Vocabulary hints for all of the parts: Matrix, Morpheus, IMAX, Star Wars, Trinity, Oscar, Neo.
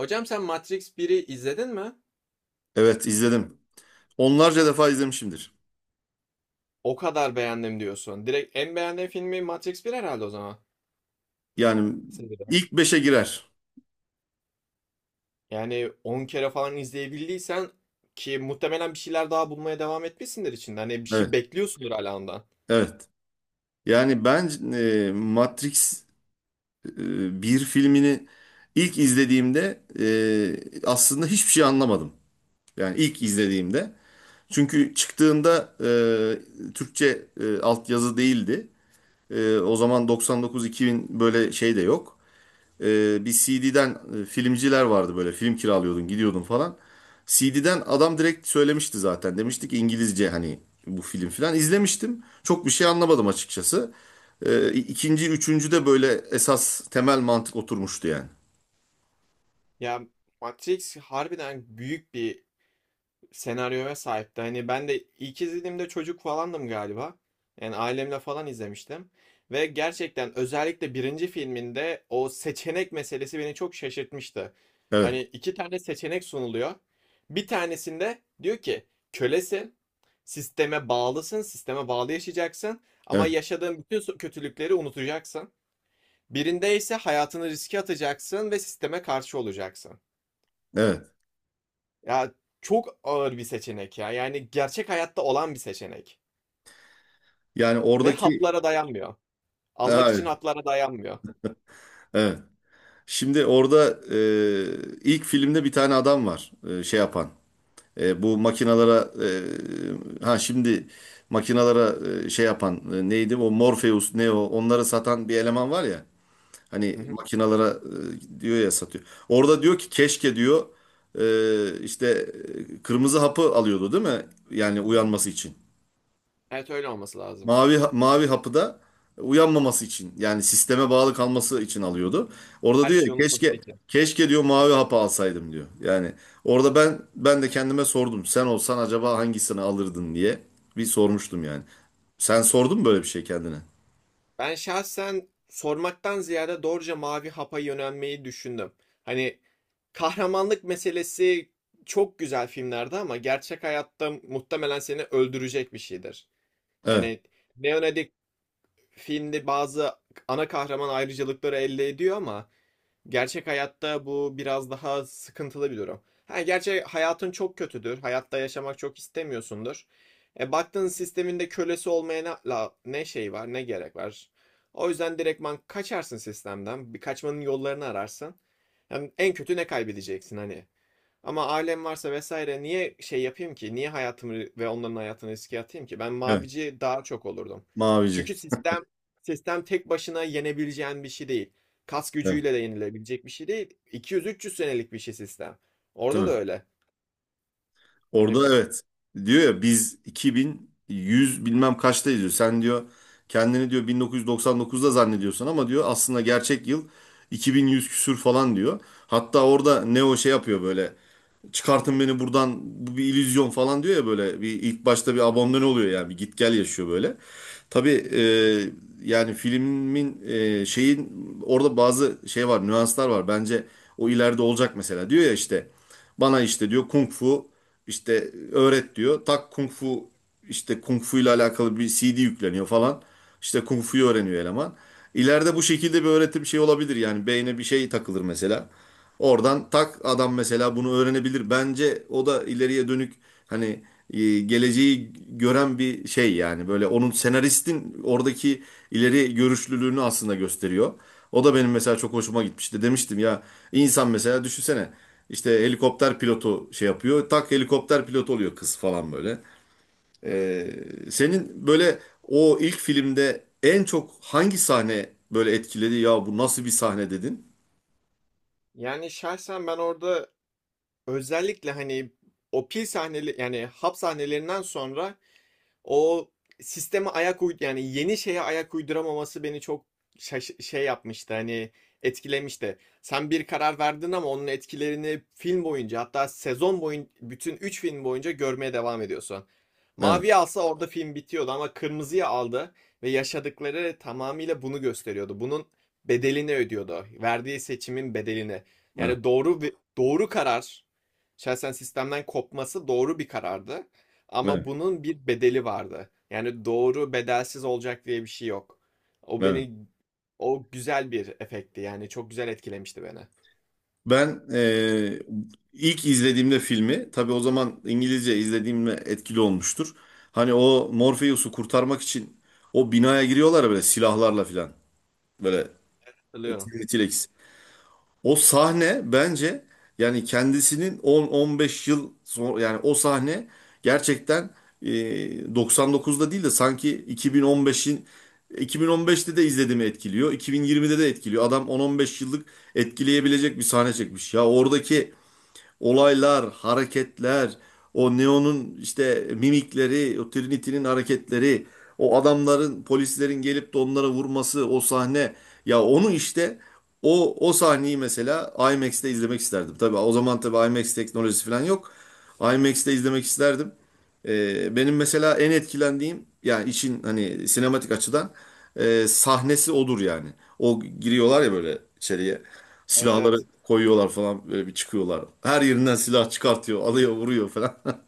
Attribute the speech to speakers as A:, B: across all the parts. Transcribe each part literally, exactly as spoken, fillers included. A: Hocam sen Matrix biri izledin mi?
B: Evet izledim. Onlarca defa izlemişimdir.
A: O kadar beğendim diyorsun. Direkt en beğendiğin filmi Matrix bir herhalde o zaman.
B: Yani
A: Seriden.
B: ilk beşe girer.
A: Yani on kere falan izleyebildiysen ki muhtemelen bir şeyler daha bulmaya devam etmişsindir içinde. Hani bir şey
B: Evet,
A: bekliyorsundur hala ondan.
B: evet. Yani ben e, Matrix e, bir filmini ilk izlediğimde e, aslında hiçbir şey anlamadım. Yani ilk izlediğimde. Çünkü çıktığında e, Türkçe e, altyazı değildi. E, o zaman doksan dokuz-iki bin böyle şey de yok. Ee, bir C D'den e, filmciler vardı, böyle film kiralıyordun, gidiyordun falan. C D'den adam direkt söylemişti, zaten demiştik İngilizce, hani bu film filan izlemiştim. Çok bir şey anlamadım açıkçası. Ee, ikinci, üçüncü de böyle esas temel mantık oturmuştu yani.
A: Ya Matrix harbiden büyük bir senaryoya sahipti. Hani ben de ilk izlediğimde çocuk falandım galiba. Yani ailemle falan izlemiştim. Ve gerçekten özellikle birinci filminde o seçenek meselesi beni çok şaşırtmıştı.
B: Evet,
A: Hani iki tane seçenek sunuluyor. Bir tanesinde diyor ki kölesin, sisteme bağlısın, sisteme bağlı yaşayacaksın ama
B: evet,
A: yaşadığın bütün so- kötülükleri unutacaksın. Birinde ise hayatını riske atacaksın ve sisteme karşı olacaksın.
B: evet.
A: Ya çok ağır bir seçenek ya. Yani gerçek hayatta olan bir seçenek.
B: Yani
A: Ve
B: oradaki
A: haplara dayanmıyor. Almak
B: evet,
A: için haplara dayanmıyor.
B: evet. Şimdi orada e, ilk filmde bir tane adam var, e, şey yapan. E, bu makinalara, e, ha şimdi makinalara e, şey yapan, e, neydi o, Morpheus, Neo, onları satan bir eleman var ya. Hani
A: Hı hı.
B: makinalara e, diyor ya, satıyor. Orada diyor ki keşke diyor, e, işte, e, kırmızı hapı alıyordu değil mi? Yani uyanması için.
A: Evet, öyle olması lazım.
B: Mavi mavi hapı da uyanmaması için, yani sisteme bağlı kalması için alıyordu. Orada
A: Her
B: diyor
A: şeyi
B: ya,
A: unutması
B: keşke,
A: için.
B: keşke diyor mavi hapı alsaydım diyor. Yani orada ben ben de kendime sordum. Sen olsan acaba hangisini alırdın diye bir sormuştum yani. Sen sordun mu böyle bir şey kendine?
A: Ben şahsen sormaktan ziyade doğruca mavi hapa yönelmeyi düşündüm. Hani kahramanlık meselesi çok güzel filmlerde ama gerçek hayatta muhtemelen seni öldürecek bir şeydir.
B: Evet.
A: Yani Leonardo filmde bazı ana kahraman ayrıcalıkları elde ediyor ama gerçek hayatta bu biraz daha sıkıntılı bir durum. Ha, gerçi hayatın çok kötüdür. Hayatta yaşamak çok istemiyorsundur. E, baktığın sisteminde kölesi olmaya ne, la- ne şey var, ne gerek var. O yüzden direktman kaçarsın sistemden. Bir kaçmanın yollarını ararsın. Hem en kötü ne kaybedeceksin hani. Ama ailem varsa vesaire niye şey yapayım ki? Niye hayatımı ve onların hayatını riske atayım ki? Ben
B: Evet.
A: mavici daha çok olurdum.
B: Mavici.
A: Çünkü sistem sistem tek başına yenebileceğin bir şey değil. Kas
B: Evet.
A: gücüyle de yenilebilecek bir şey değil. iki yüz üç yüz senelik bir şey sistem. Orada da
B: Tabii.
A: öyle. Yani
B: Orada evet. Diyor ya, biz iki bin yüz bilmem kaçtayız diyor. Sen diyor, kendini diyor bin dokuz yüz doksan dokuzda zannediyorsun ama diyor aslında gerçek yıl iki bin yüz küsür falan diyor. Hatta orada Neo şey yapıyor böyle, "Çıkartın beni buradan, bu bir illüzyon" falan diyor ya. Böyle bir ilk başta bir abandone oluyor yani, bir git gel yaşıyor böyle. Tabii, e, yani filmin, e, şeyin, orada bazı şey var, nüanslar var bence. O ileride olacak mesela, diyor ya işte, bana işte diyor kung fu işte öğret diyor, tak, kung fu işte, kung fu ile alakalı bir C D yükleniyor falan, işte kung fu'yu öğreniyor eleman. İleride bu şekilde bir öğretim şey olabilir yani, beyne bir şey takılır mesela. Oradan tak adam mesela bunu öğrenebilir. Bence o da ileriye dönük, hani e, geleceği gören bir şey yani. Böyle onun, senaristin oradaki ileri görüşlülüğünü aslında gösteriyor. O da benim mesela çok hoşuma gitmişti. Demiştim ya, insan mesela düşünsene, işte helikopter pilotu şey yapıyor, tak, helikopter pilotu oluyor kız falan böyle. Ee, senin böyle o ilk filmde en çok hangi sahne böyle etkiledi? Ya bu nasıl bir sahne dedin?
A: yani şahsen ben orada özellikle hani o pil sahneli yani hap sahnelerinden sonra o sisteme ayak uyd yani yeni şeye ayak uyduramaması beni çok şaş- şey yapmıştı hani etkilemişti. Sen bir karar verdin ama onun etkilerini film boyunca hatta sezon boyunca bütün üç film boyunca görmeye devam ediyorsun.
B: Evet,
A: Maviyi alsa orada film bitiyordu ama kırmızıya aldı ve yaşadıkları tamamıyla bunu gösteriyordu. Bunun bedelini ödüyordu. Verdiği seçimin bedelini.
B: evet,
A: Yani doğru ve- doğru karar, şahsen sistemden kopması doğru bir karardı. Ama
B: evet,
A: bunun bir bedeli vardı. Yani doğru bedelsiz olacak diye bir şey yok. O
B: evet.
A: beni o güzel bir efekti. Yani çok güzel etkilemişti beni.
B: Ben, eee, ilk izlediğimde filmi, tabii o zaman İngilizce izlediğimde etkili olmuştur. Hani o Morpheus'u kurtarmak için o binaya giriyorlar ya, böyle silahlarla filan. Böyle
A: Hatırlıyorum.
B: T- T-Rex. O sahne bence, yani kendisinin on on beş yıl sonra, yani o sahne gerçekten, eee, doksan dokuzda değil de sanki iki bin on beşin iki bin on beşte de izlediğimi etkiliyor. iki bin yirmide de etkiliyor. Adam on on beş yıllık etkileyebilecek bir sahne çekmiş. Ya oradaki olaylar, hareketler, o Neo'nun işte mimikleri, o Trinity'nin hareketleri, o adamların, polislerin gelip de onlara vurması, o sahne. Ya onu işte, o o sahneyi mesela IMAX'te izlemek isterdim. Tabii o zaman tabii IMAX teknolojisi falan yok. IMAX'te izlemek isterdim. Ee, benim mesela en etkilendiğim, yani için hani sinematik açıdan e, sahnesi odur yani. O giriyorlar ya böyle içeriye.
A: Evet,
B: Silahları
A: evet.
B: koyuyorlar falan, böyle bir çıkıyorlar. Her yerinden silah çıkartıyor, alıyor, vuruyor falan.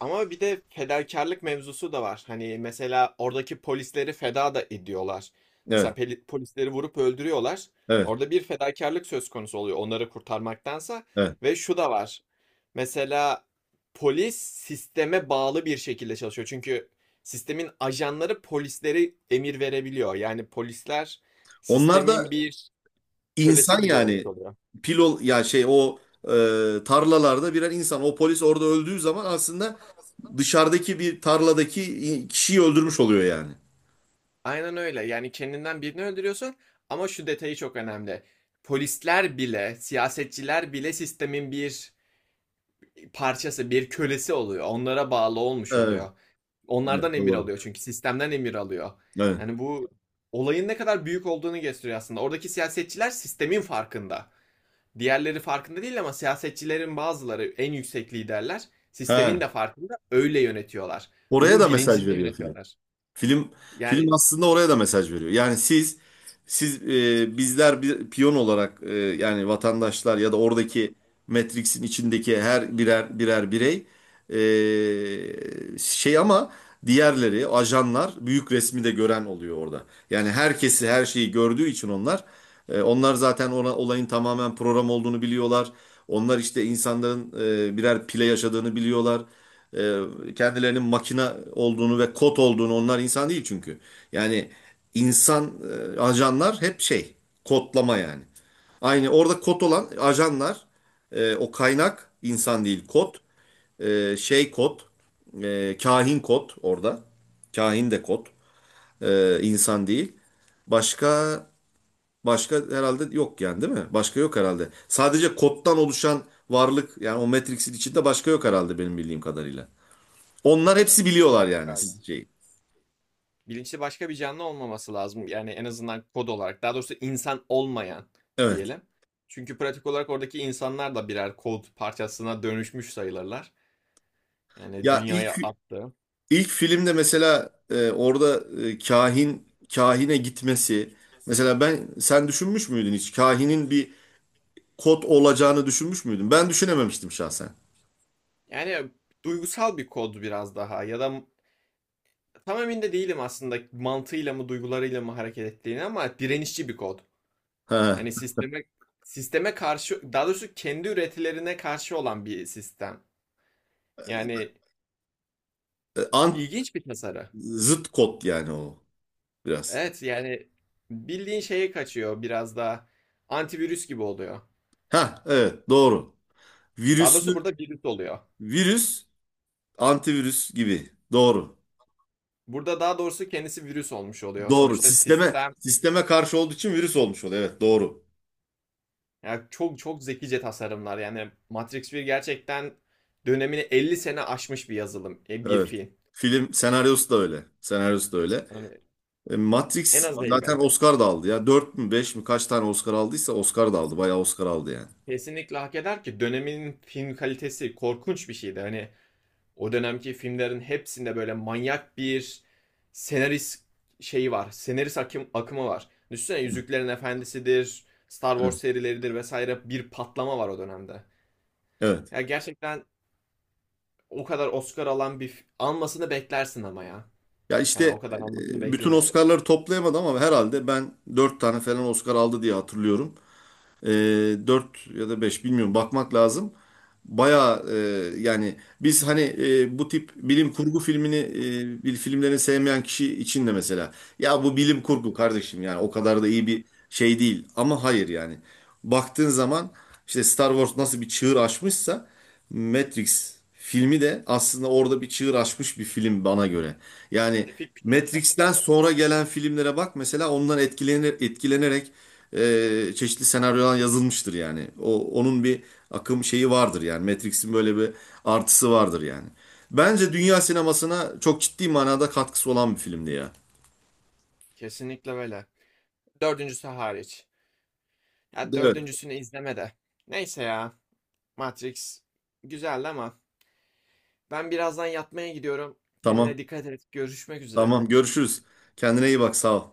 A: Ama bir de fedakarlık mevzusu da var. Hani mesela oradaki polisleri feda da ediyorlar.
B: Evet,
A: Mesela peli- polisleri vurup öldürüyorlar.
B: evet,
A: Orada bir fedakarlık söz konusu oluyor onları kurtarmaktansa.
B: evet.
A: Ve şu da var. Mesela polis sisteme bağlı bir şekilde çalışıyor. Çünkü sistemin ajanları polisleri emir verebiliyor. Yani polisler
B: Onlar
A: sistemin
B: da
A: bir kölesi
B: insan
A: gibi olmuş
B: yani.
A: oluyor.
B: Pilot ya şey, o e, tarlalarda birer insan. O polis orada öldüğü zaman aslında dışarıdaki bir tarladaki kişiyi öldürmüş oluyor yani.
A: Aynen öyle. Yani kendinden birini öldürüyorsun ama şu detayı çok önemli. Polisler bile, siyasetçiler bile sistemin bir parçası, bir kölesi oluyor. Onlara bağlı olmuş
B: Evet,
A: oluyor. Onlardan
B: evet,
A: emir
B: doğru.
A: alıyor çünkü sistemden emir alıyor.
B: Evet.
A: Yani bu olayın ne kadar büyük olduğunu gösteriyor aslında. Oradaki siyasetçiler sistemin farkında. Diğerleri farkında değil ama siyasetçilerin bazıları, en yüksek liderler
B: He.
A: sistemin de farkında, öyle yönetiyorlar.
B: Oraya
A: Bunun
B: da mesaj
A: bilincinde
B: veriyor film.
A: yönetiyorlar.
B: Film film
A: Yani
B: aslında oraya da mesaj veriyor. Yani siz siz, e, bizler bir piyon olarak, e, yani vatandaşlar, ya da oradaki Matrix'in içindeki her birer birer birey, e, şey, ama diğerleri, ajanlar, büyük resmi de gören oluyor orada. Yani herkesi her şeyi gördüğü için onlar e, onlar zaten ona, olayın tamamen program olduğunu biliyorlar. Onlar işte insanların e, birer pile yaşadığını biliyorlar. E, kendilerinin makina olduğunu ve kod olduğunu, onlar insan değil çünkü. Yani insan, e, ajanlar hep şey, kodlama yani. Aynı orada kod olan ajanlar, e, o kaynak, insan değil kod, e, şey kod, e, kahin kod, orada kahin de kod, e, insan değil. Başka başka herhalde yok yani, değil mi? Başka yok herhalde. Sadece koddan oluşan varlık yani, o Matrix'in içinde başka yok herhalde, benim bildiğim kadarıyla. Onlar hepsi biliyorlar yani, siz-
A: galiba.
B: şey.
A: Bilinçli başka bir canlı olmaması lazım. Yani en azından kod olarak. Daha doğrusu insan olmayan
B: Evet.
A: diyelim. Çünkü pratik olarak oradaki insanlar da birer kod parçasına dönüşmüş sayılırlar. Yani
B: Ya ilk
A: dünyaya attı.
B: ilk filmde mesela, e, orada e, kahin kahine gitmesi mesela, ben sen düşünmüş müydün hiç, kahinin bir kod olacağını düşünmüş müydün? Ben düşünememiştim şahsen.
A: Yani duygusal bir kod biraz daha ya da tam emin de değilim aslında mantığıyla mı duygularıyla mı hareket ettiğini ama direnişçi bir kod.
B: Ha.
A: Yani sisteme sisteme karşı, daha doğrusu kendi üretilerine karşı olan bir sistem. Yani
B: E, Ant
A: ilginç bir tasarı.
B: zıt kod yani o, biraz.
A: Evet, yani bildiğin şeye kaçıyor, biraz daha antivirüs gibi oluyor.
B: Ha, evet, doğru.
A: Daha
B: Virüsü
A: doğrusu burada virüs oluyor.
B: virüs antivirüs gibi. Doğru.
A: Burada daha doğrusu kendisi virüs olmuş oluyor.
B: Doğru.
A: Sonuçta
B: Sisteme
A: sistem,
B: sisteme karşı olduğu için virüs olmuş oluyor. Evet, doğru.
A: yani çok çok zekice tasarımlar. Yani Matrix bir gerçekten dönemini elli sene aşmış bir yazılım, e, bir
B: Evet.
A: film.
B: Film senaryosu da öyle. Senaryosu da öyle.
A: Yani
B: E,
A: en
B: Matrix
A: az elli.
B: zaten Oscar da aldı ya. Dört mü, beş mi, kaç tane Oscar aldıysa, Oscar da aldı. Bayağı Oscar aldı yani.
A: Kesinlikle hak eder ki dönemin film kalitesi korkunç bir şeydi. Hani o dönemki filmlerin hepsinde böyle manyak bir senarist şeyi var. Senarist akım, akımı var. Düşünsene, Yüzüklerin Efendisi'dir, Star Wars
B: Evet.
A: serileridir vesaire, bir patlama var o dönemde.
B: Evet.
A: Ya gerçekten o kadar Oscar alan bir almasını beklersin ama ya.
B: Ya işte
A: Yani o kadar almasını
B: e, bütün
A: beklenir.
B: Oscar'ları toplayamadı ama herhalde ben dört tane falan Oscar aldı diye hatırlıyorum. E, dört ya da beş bilmiyorum, bakmak lazım. Bayağı, e, yani biz hani, e, bu tip bilim kurgu filmini, e, bil- filmlerini sevmeyen kişi için de mesela, ya bu bilim kurgu kardeşim yani o kadar da iyi bir şey değil, ama hayır, yani baktığın zaman, işte Star Wars nasıl bir çığır açmışsa, Matrix filmi de aslında orada bir çığır açmış bir film bana göre. Yani
A: Spesifik bir şekilde.
B: Matrix'ten sonra gelen filmlere bak mesela, ondan etkilenir, etkilenerek e, çeşitli senaryolar yazılmıştır yani. O onun bir akım şeyi vardır yani. Matrix'in böyle bir artısı vardır yani. Bence dünya sinemasına çok ciddi manada katkısı olan bir filmdi ya.
A: Kesinlikle öyle. Dördüncüsü hariç. Ya
B: Evet.
A: dördüncüsünü izleme de. Neyse ya. Matrix güzeldi ama ben birazdan yatmaya gidiyorum.
B: Tamam.
A: Kendine dikkat et. Görüşmek üzere.
B: Tamam. Görüşürüz. Kendine iyi bak. Sağ ol.